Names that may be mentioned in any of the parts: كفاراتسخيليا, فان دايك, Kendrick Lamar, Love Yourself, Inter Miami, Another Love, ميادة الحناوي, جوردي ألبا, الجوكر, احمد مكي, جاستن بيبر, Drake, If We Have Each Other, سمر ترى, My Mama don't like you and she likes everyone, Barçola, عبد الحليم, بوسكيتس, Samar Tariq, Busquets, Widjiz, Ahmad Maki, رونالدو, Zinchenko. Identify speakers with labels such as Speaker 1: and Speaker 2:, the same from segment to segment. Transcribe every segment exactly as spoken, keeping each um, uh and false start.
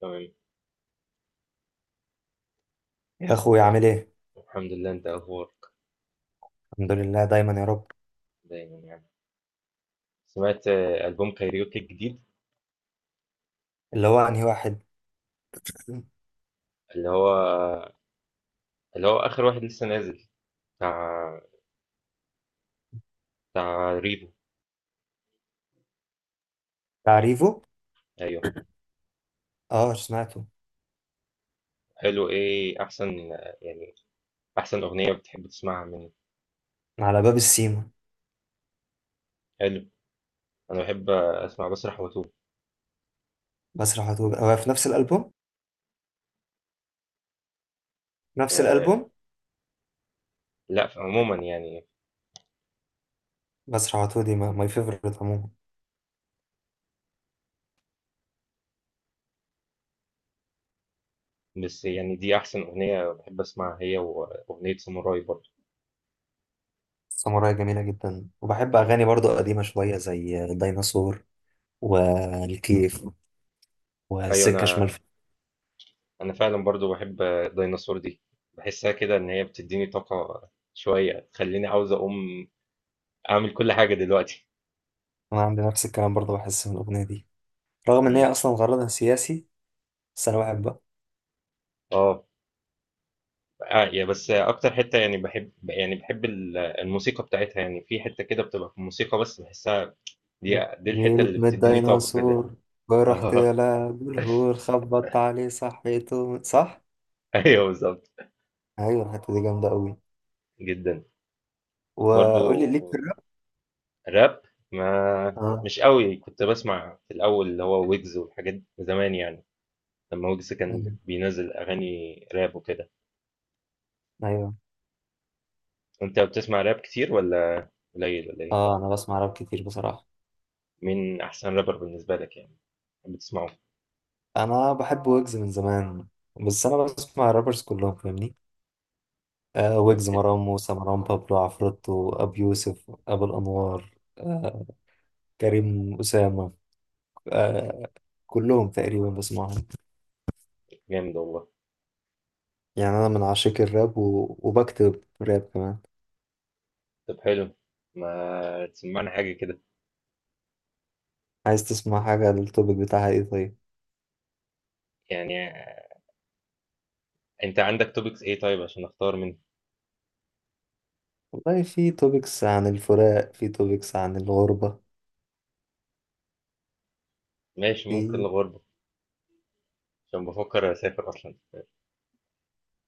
Speaker 1: تمام.
Speaker 2: يا اخويا عامل ايه؟
Speaker 1: الحمد لله، انت اخبارك؟
Speaker 2: الحمد لله دايما يا رب.
Speaker 1: دايما يعني. سمعت آه، البوم كايريوكي الجديد؟
Speaker 2: اللي هو انهي واحد؟
Speaker 1: اللي هو اللي هو اخر واحد لسه نازل، بتاع، بتاع ريفو.
Speaker 2: تعريفه.
Speaker 1: ايوه.
Speaker 2: اه، سمعته.
Speaker 1: حلو، ايه احسن آه، يعني احسن اغنيه بتحب تسمعها منه؟
Speaker 2: على باب السيما.
Speaker 1: حلو. انا بحب آه، اسمع بسرح واتوه.
Speaker 2: بسرح وتوه هو في نفس الالبوم؟ نفس
Speaker 1: أه.
Speaker 2: الالبوم.
Speaker 1: لا، عموما يعني.
Speaker 2: بسرح وتوه دي ماي فيفورت عموما.
Speaker 1: بس يعني دي احسن اغنيه بحب اسمعها، هي واغنيه ساموراي برضه.
Speaker 2: ساموراي جميله جدا، وبحب
Speaker 1: مم.
Speaker 2: اغاني برضو قديمه شويه زي الديناصور والكيف
Speaker 1: ايوه
Speaker 2: وسكه شمال
Speaker 1: انا
Speaker 2: في-
Speaker 1: انا فعلا برضو بحب الديناصور دي. بحسها كده ان هي بتديني طاقة شوية، تخليني عاوز اقوم اعمل كل حاجة دلوقتي.
Speaker 2: انا عندي نفس الكلام برضو، بحس من الاغنيه دي رغم ان
Speaker 1: مم.
Speaker 2: هي اصلا غرضها سياسي، بس انا بحبها.
Speaker 1: اه. آه، يا بس اكتر حتة يعني بحب، يعني بحب ال- الموسيقى بتاعتها. يعني في حتة كده بتبقى في الموسيقى بس بحسها، دي دي الحتة اللي
Speaker 2: جيت من
Speaker 1: بتديني طاقة كده.
Speaker 2: الديناصور ورحت
Speaker 1: اه،
Speaker 2: لعب الهور، خبطت عليه صحيته، صح.
Speaker 1: ايوه بالظبط.
Speaker 2: ايوه الحته دي جامده قوي.
Speaker 1: جدا. برضو.
Speaker 2: وقول لي ليك في الراب.
Speaker 1: راب. ما
Speaker 2: اه.
Speaker 1: مش قوي، كنت بسمع في الاول اللي هو ويجز والحاجات زمان يعني، لما ويجز
Speaker 2: ايوه،
Speaker 1: كان بينزل اغاني راب وكده.
Speaker 2: ايوه.
Speaker 1: انت بتسمع راب كتير ولا قليل ولا ايه؟
Speaker 2: اه انا بسمع راب كتير بصراحه.
Speaker 1: مين احسن رابر بالنسبه لك يعني بتحب تسمعه؟
Speaker 2: انا بحب ويجز من زمان، بس انا
Speaker 1: مم.
Speaker 2: بسمع الرابرز كلهم فاهمني. آه
Speaker 1: طب
Speaker 2: ويجز،
Speaker 1: حلو.
Speaker 2: مروان موسى، مروان بابلو، عفروتو، ابي يوسف، ابو الانوار، آه كريم اسامه، آه كلهم تقريبا بسمعهم.
Speaker 1: جامد والله.
Speaker 2: يعني انا من عشاق الراب و... وبكتب راب كمان.
Speaker 1: طب حلو، ما تسمعنا حاجه كده.
Speaker 2: عايز تسمع حاجه؟ التوبيك بتاعها ايه طيب؟
Speaker 1: يعني انت عندك توبكس ايه طيب عشان اختار منه؟
Speaker 2: والله في توبكس عن الفراق، في توبكس عن الغربة.
Speaker 1: ماشي، ممكن
Speaker 2: في
Speaker 1: الغربه، عشان بفكر اسافر اصلا.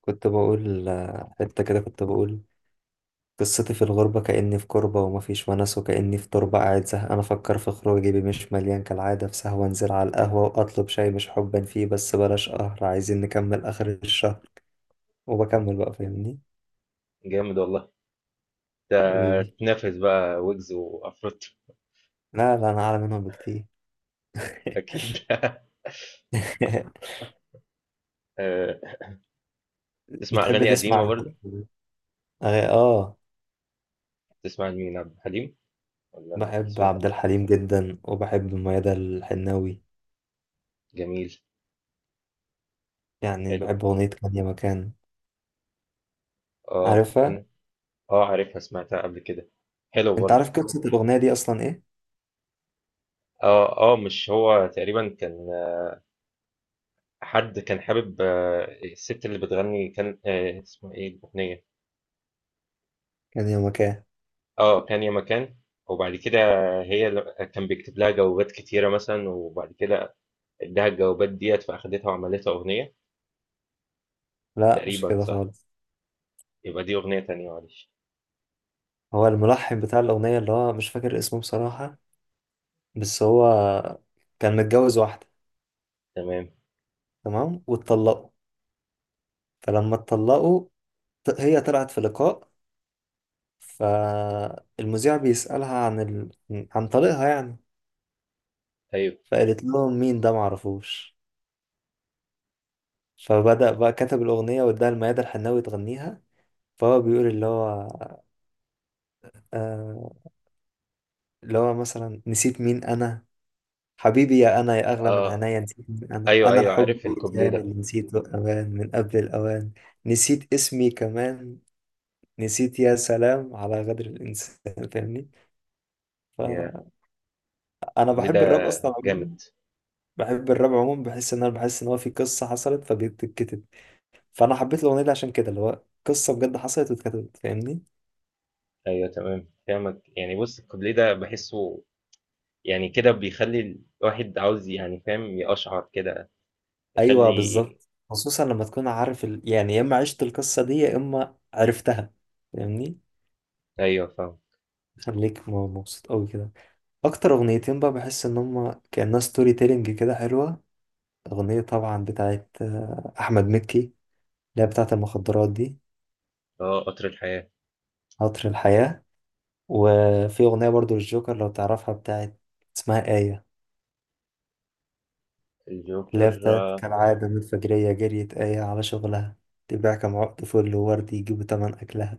Speaker 2: كنت بقول، آه، حتة كده كنت بقول: قصتي في الغربة كأني في كربة، ومفيش ونس وكأني في تربة، قاعد زهقان أفكر في خروج جيبي مش مليان كالعادة، في سهوة أنزل على القهوة وأطلب شاي مش حبا فيه بس بلاش قهر، عايزين نكمل آخر الشهر. وبكمل بقى فاهمني.
Speaker 1: جامد والله. ده
Speaker 2: حبيبي.
Speaker 1: تنافس بقى ويجز وافروت.
Speaker 2: لا لا، أنا أعلى منهم بكتير.
Speaker 1: اكيد. آه، تسمع
Speaker 2: بتحب
Speaker 1: اغاني
Speaker 2: تسمع
Speaker 1: قديمه برضه؟
Speaker 2: أغا- آه.
Speaker 1: تسمع مين، عبد الحليم ولا ام
Speaker 2: بحب
Speaker 1: كلثوم؟
Speaker 2: عبد الحليم جدا، وبحب ميادة الحناوي.
Speaker 1: جميل.
Speaker 2: يعني
Speaker 1: حلو.
Speaker 2: بحب أغنية كان يا مكان،
Speaker 1: اه
Speaker 2: عارفها؟
Speaker 1: انا. اه عارفها، سمعتها قبل كده، حلو
Speaker 2: أنت
Speaker 1: برضه.
Speaker 2: عارف قصة الأغنية دي أصلا إيه؟
Speaker 1: اه اه، مش هو تقريبا كان، حد كان حابب آه، الست اللي بتغني، كان آه، اسمها ايه الاغنيه؟
Speaker 2: كان يومك ايه.
Speaker 1: اه، كان يا مكان. وبعد كده هي ل- كان بيكتب لها جوابات كتيره مثلا، وبعد كده اداها الجوابات ديت، فاخدتها وعملتها اغنيه.
Speaker 2: لا، مش
Speaker 1: تقريبا
Speaker 2: كده
Speaker 1: صح؟
Speaker 2: خالص.
Speaker 1: يبقى دي اغنيه تانية، معلش.
Speaker 2: هو الملحن بتاع الأغنية، اللي هو مش فاكر اسمه بصراحة، بس هو كان متجوز واحدة.
Speaker 1: تمام.
Speaker 2: تمام، واتطلقوا. فلما اتطلقوا، ط- هي طلعت في لقاء، فالمذيع بيسألها عن ال... عن طريقها يعني.
Speaker 1: ايوه.
Speaker 2: فقالت لهم مين ده معرفوش. فبدأ بقى كتب الأغنية واداها لميادة الحناوي تغنيها. فهو بيقول اللي هو، آه، اللي هو مثلا: نسيت مين أنا، حبيبي يا أنا يا أغلى من
Speaker 1: اه
Speaker 2: عينيا، نسيت من أنا،
Speaker 1: ايوه
Speaker 2: أنا
Speaker 1: ايوه،
Speaker 2: الحب
Speaker 1: عارف الكوبليه
Speaker 2: والكلام
Speaker 1: ده.
Speaker 2: اللي نسيته أوان من قبل الأوان، نسيت اسمي كمان، نسيت، يا سلام على غدر الإنسان. فاهمني؟
Speaker 1: يا،
Speaker 2: فأنا
Speaker 1: الكوبليه ده
Speaker 2: بحب الراب أصلا
Speaker 1: جامد.
Speaker 2: عموما. بحب الراب عموما، بحس إن أنا بحس إن هو في قصة حصلت فبتتكتب. فأنا حبيت الأغنية دي عشان كده، اللي هو قصة بجد حصلت واتكتبت فاهمني.
Speaker 1: ايوه تمام فاهمك. يعني بص، الكوبليه ده بحسه، يعني كده بيخلّي الواحد عاوز، يعني فاهم، يقشعر كده،
Speaker 2: أيوه
Speaker 1: يخلّي.
Speaker 2: بالظبط، خصوصا لما تكون عارف ال... يعني يا إما عشت القصة دي يا إما عرفتها، فاهمني.
Speaker 1: أيوه فاهمه.
Speaker 2: خليك م- مبسوط أوي كده. اكتر اغنيتين بقى بحس ان هما كأنها ستوري تيلينج كده حلوة: اغنية طبعا بتاعت آه، احمد مكي اللي هي بتاعت المخدرات دي،
Speaker 1: آه، قطر الحياة.
Speaker 2: عطر الحياة. وفي اغنية برضو للجوكر لو تعرفها، بتاعت، اسمها آية. اللي هي
Speaker 1: الجوكر
Speaker 2: بتاعت
Speaker 1: آه،
Speaker 2: كالعادة من الفجرية جريت آية على شغلها، تبيع كم عقد فل وورد يجيبوا تمن أكلها.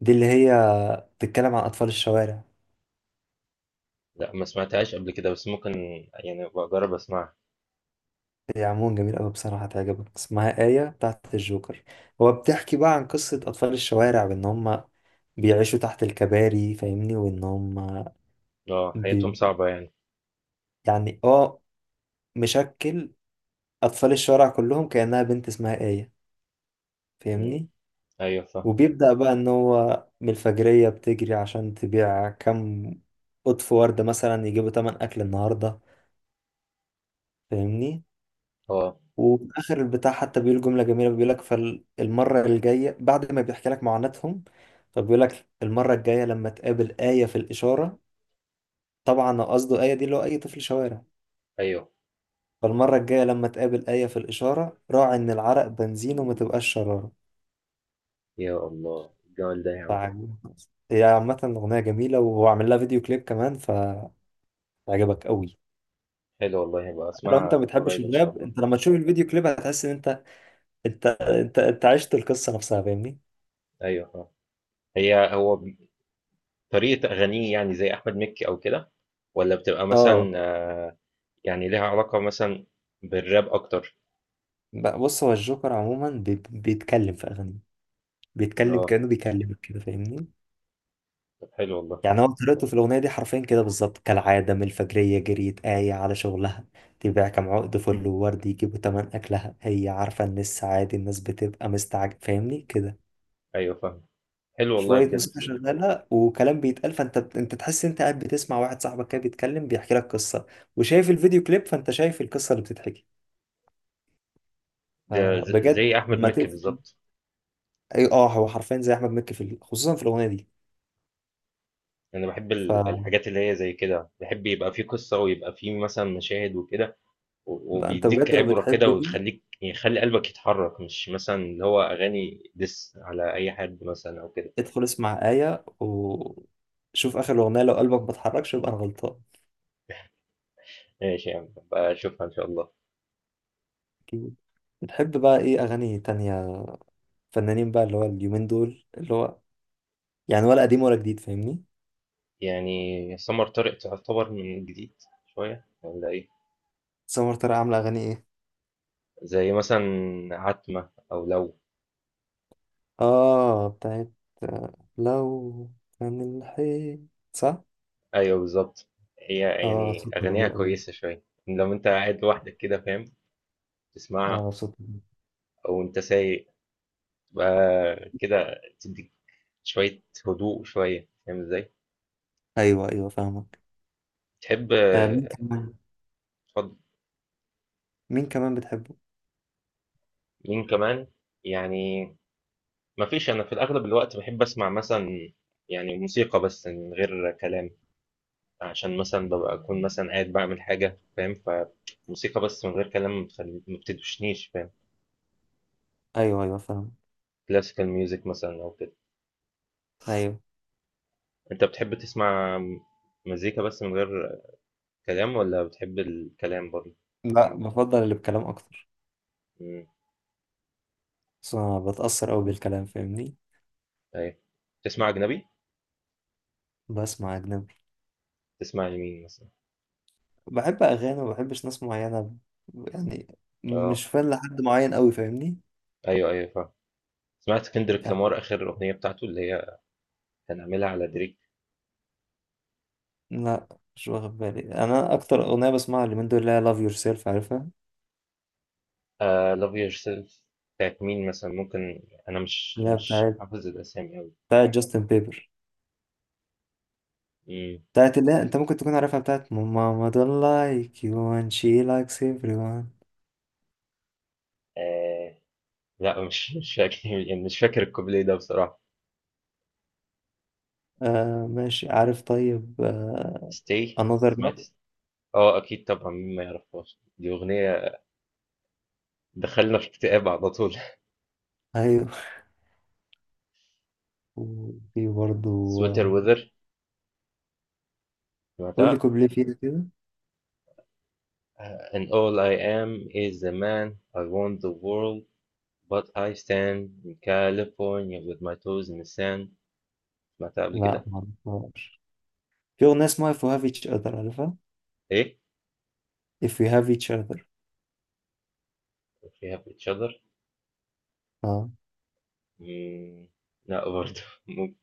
Speaker 2: دي اللي هي بتتكلم عن أطفال الشوارع.
Speaker 1: لأ ما سمعتهاش قبل كده، بس ممكن يعني أبقى أجرّب أسمعها.
Speaker 2: هي عموما جميل قوي بصراحة، هتعجبك، اسمها آية بتاعت الجوكر. هو بتحكي بقى عن قصة أطفال الشوارع بإن هم بيعيشوا تحت الكباري فاهمني، وإن هم
Speaker 1: آه، حياتهم
Speaker 2: بي...
Speaker 1: صعبة يعني.
Speaker 2: يعني اه، مشكل أطفال الشوارع كلهم كأنها بنت اسمها آية،
Speaker 1: إمم،
Speaker 2: فاهمني.
Speaker 1: أيوه فاهمه.
Speaker 2: وبيبدأ بقى إن هو من الفجرية بتجري عشان تبيع كم قطف وردة مثلا يجيبوا تمن أكل النهاردة، فاهمني.
Speaker 1: آه،
Speaker 2: وفي اخر البتاع حتى بيقول جمله جميله، بيقول لك فالمره الجايه، بعد ما بيحكي لك معاناتهم، فبيقول لك المره الجايه لما تقابل ايه في الاشاره، طبعا قصده ايه دي اللي هو اي طفل شوارع،
Speaker 1: أيوه.
Speaker 2: فالمره الجايه لما تقابل ايه في الاشاره راعي ان العرق بنزين وما تبقاش شراره.
Speaker 1: يا الله! الجمال ده يا عم.
Speaker 2: فعجب. هي عامة أغنية جميلة، وهو عامل لها فيديو كليب كمان، فهيعجبك قوي.
Speaker 1: حلو والله، هابقى
Speaker 2: لو أنت ما
Speaker 1: أسمعها
Speaker 2: بتحبش
Speaker 1: قريب إن شاء
Speaker 2: الراب،
Speaker 1: الله.
Speaker 2: أنت لما تشوف الفيديو كليب هتحس إن أنت، أنت أنت أنت عشت القصة نفسها، فاهمني؟
Speaker 1: أيوه فاهمه. هي هو ب، طريقة أغانيه يعني زي أحمد مكي أو كده، والّا بتبقى مثلًا
Speaker 2: اه.
Speaker 1: آه، يعني ليها علاقة مثلًا بالراب أكتر؟
Speaker 2: بقى بص، هو الجوكر عموما بي- بيتكلم في اغانيه بيتكلم
Speaker 1: آه،
Speaker 2: كانه بيكلمك كده، فاهمني.
Speaker 1: طب حلو والله.
Speaker 2: يعني هو طريقته في الاغنيه دي حرفيا كده بالظبط: كالعاده من الفجريه جريت ايه على شغلها، تبيع كام عقد فل وورد يجيبوا تمن اكلها. هي عارفه ان السعادة الناس بتبقى مستعجب فاهمني كده.
Speaker 1: أيوه فاهمك. حلو والله
Speaker 2: شويه
Speaker 1: بجد.
Speaker 2: موسيقى شغاله وكلام بيتقال، فانت انت تحس انت قاعد بتسمع واحد صاحبك كده بيتكلم بيحكي لك قصه، وشايف الفيديو كليب فانت شايف القصه اللي بتتحكي.
Speaker 1: ده
Speaker 2: آه،
Speaker 1: ز
Speaker 2: بجد،
Speaker 1: زي أحمد
Speaker 2: لما
Speaker 1: مكي
Speaker 2: تقفل.
Speaker 1: بالضبط.
Speaker 2: اي اه هو حرفيا زي احمد مكي في ال- خصوصا في الاغنيه دي.
Speaker 1: أنا باحب
Speaker 2: ف
Speaker 1: ال الحاجات اللي هي زي كده، باحب يبقى في قصة ويبقى في مثلًا مشاهد وكده، و
Speaker 2: لا، انت
Speaker 1: وبيدّيك
Speaker 2: بجد لو
Speaker 1: عبرة كده
Speaker 2: بتحب دي،
Speaker 1: ويخلّيك، يعني يخلّي قلبك يتحرّك، مش مثلًا اللي هو أغاني diss على أي حد مثلًا أو كده.
Speaker 2: ادخل اسمع آية وشوف اخر اغنية، لو قلبك ما اتحركش يبقى انا غلطان.
Speaker 1: ماشي يا عم، هابقى أشوفها إن شاء الله.
Speaker 2: اكيد. بتحب بقى ايه اغاني تانية، فنانين بقى اللي هو اليومين دول، اللي هو يعني، ولا قديم ولا جديد، فاهمني؟
Speaker 1: يعني سمر طارق تعتبر من الجديد شوية والّا إيه؟
Speaker 2: سمر ترى عاملة اغاني ايه.
Speaker 1: زي مثلًا عتمة أو لو.
Speaker 2: اه بتاعت، آه، لو كان الحيط، صح.
Speaker 1: أيوه بالضبط. هي،
Speaker 2: اه
Speaker 1: يعني
Speaker 2: صوتها
Speaker 1: أغانيها
Speaker 2: جميل قوي.
Speaker 1: كويسة شوية، لو أنت قاعد لوحدك كده فاهم؟ تسمعها
Speaker 2: اه صوتها جميل.
Speaker 1: او انت سايق بقى كده، تديك شوية هدوء شوية، فاهم ازاي؟
Speaker 2: ايوه، ايوه فاهمك.
Speaker 1: تحب
Speaker 2: آه، مين
Speaker 1: آه،
Speaker 2: كمان.
Speaker 1: اتفضل.
Speaker 2: مين كمان بتحبه.
Speaker 1: مين كمان؟ يعني مفيش، انا في الاغلب الوقت بحب اسمع مثلا، يعني موسيقى بس من غير كلام، عشان مثلا ببقى اكون مثلا قاعد بعمل حاجة فاهم، فموسيقى بس من غير كلام ما بتخلي- ما بتدوشنيش فاهم.
Speaker 2: ايوه، ايوه فاهم.
Speaker 1: كلاسيكال ميوزك مثلا او كده.
Speaker 2: ايوه.
Speaker 1: انت بتحب تسمع مزيكا بس من غير كلام ولا بتحب الكلام برضه؟
Speaker 2: لا، بفضل اللي بكلام اكتر،
Speaker 1: مم،
Speaker 2: بس أنا بتأثر أوي بالكلام فاهمني.
Speaker 1: ايوه. تسمع اجنبي؟
Speaker 2: بسمع أجنبي.
Speaker 1: تسمع لمين مثلًا؟
Speaker 2: بحب أغاني وما بحبش ناس معينة، يعني
Speaker 1: آه،
Speaker 2: مش فان لحد معين أوي، فاهمني.
Speaker 1: أيوه، أيوه فاهمك. سمعت كندريك
Speaker 2: يعني
Speaker 1: لامار آخر الأغنية بتاعته اللي هي كان عاملها على دريك؟
Speaker 2: لا، مش واخد بالي. أنا أكتر أغنية بسمعها اليومين دول اللي هي Love Yourself، عارفها؟
Speaker 1: آآ love yourself، بتاعة مين مثلًا ممكن؟ أنا مش
Speaker 2: اللي هي
Speaker 1: مش
Speaker 2: بتاعت
Speaker 1: حافظ الأسامي أوي.
Speaker 2: بتاعت جاستن بيبر.
Speaker 1: إمم،
Speaker 2: بتاعت اللي هي، أنت ممكن تكون عارفها، بتاعت My Mama don't like you and she likes everyone.
Speaker 1: آآ لأ، مش مش فاكر، يعني مش فاكر الكوبليه ده بصراحة.
Speaker 2: آه ماشي، عارف طيب. آه
Speaker 1: stay.
Speaker 2: Another
Speaker 1: سمعت،
Speaker 2: Love.
Speaker 1: آه أكيد طبعًا، مين ما يعرفهاش، دي أغنية تدخّلنا في اكتئاب على طول.
Speaker 2: أيوه. وفي برضه،
Speaker 1: sweater
Speaker 2: آه،
Speaker 1: weather،
Speaker 2: قول لي
Speaker 1: سمعتها؟
Speaker 2: كوبليه فيها كده.
Speaker 1: آآ and all I am is a man I want the world, but I stand in California with my toes in the sand. سمعتها قبل
Speaker 2: لا،
Speaker 1: كده؟
Speaker 2: معرفهاش. في أغنية اسمها If We Have Each Other، عارفها؟
Speaker 1: ايه.
Speaker 2: If We Have Each Other.
Speaker 1: we have each other.
Speaker 2: اه
Speaker 1: مم، لا برضه. مم-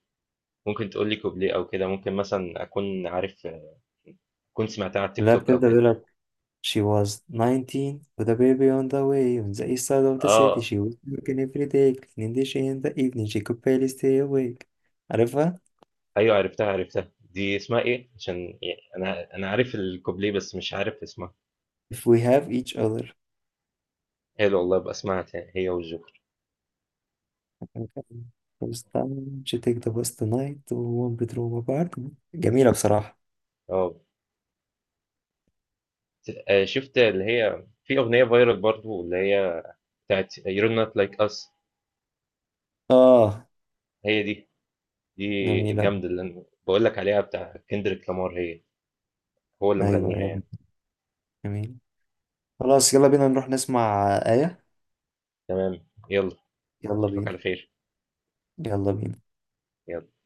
Speaker 1: ممكن تقول لي كوبليه او كده، ممكن مثلا اكون عارف، كنت سمعتها على التيك
Speaker 2: اللي هي
Speaker 1: توك او
Speaker 2: بتبدأ
Speaker 1: كده.
Speaker 2: بيقول لك: She was nineteen with a baby on the way on the east side of the city,
Speaker 1: اه
Speaker 2: she was working every day cleaning the dishes in the evening she could barely stay awake. عارفها؟
Speaker 1: ايوه، عرفتها عرفتها. دي اسمها ايه؟ عشان يعني انا انا عارف الكوبليه بس مش عارف اسمها.
Speaker 2: If we have each other.
Speaker 1: حلو والله، ابقى اسمعها تاني هي والجوكر.
Speaker 2: first time she take the bus tonight to one bedroom apartment. جميلة بصراحة.
Speaker 1: اه. ت- آه، شفت اللي هي في اغنيه فايرال برضه، اللي هي بتاعت You're not like us؟
Speaker 2: اه
Speaker 1: هي دي، دي
Speaker 2: جميلة.
Speaker 1: جامدة، اللي أنا بقول لك عليها بتاع كندريك لامار، هي هو اللي
Speaker 2: ايوه،
Speaker 1: مغنيها
Speaker 2: ايوه
Speaker 1: يعني.
Speaker 2: جميلة. خلاص، يلا بينا نروح نسمع آية.
Speaker 1: تمام، يلا.
Speaker 2: يلا
Speaker 1: أشوفك
Speaker 2: بينا.
Speaker 1: على خير.
Speaker 2: يلا بينا.
Speaker 1: يلا.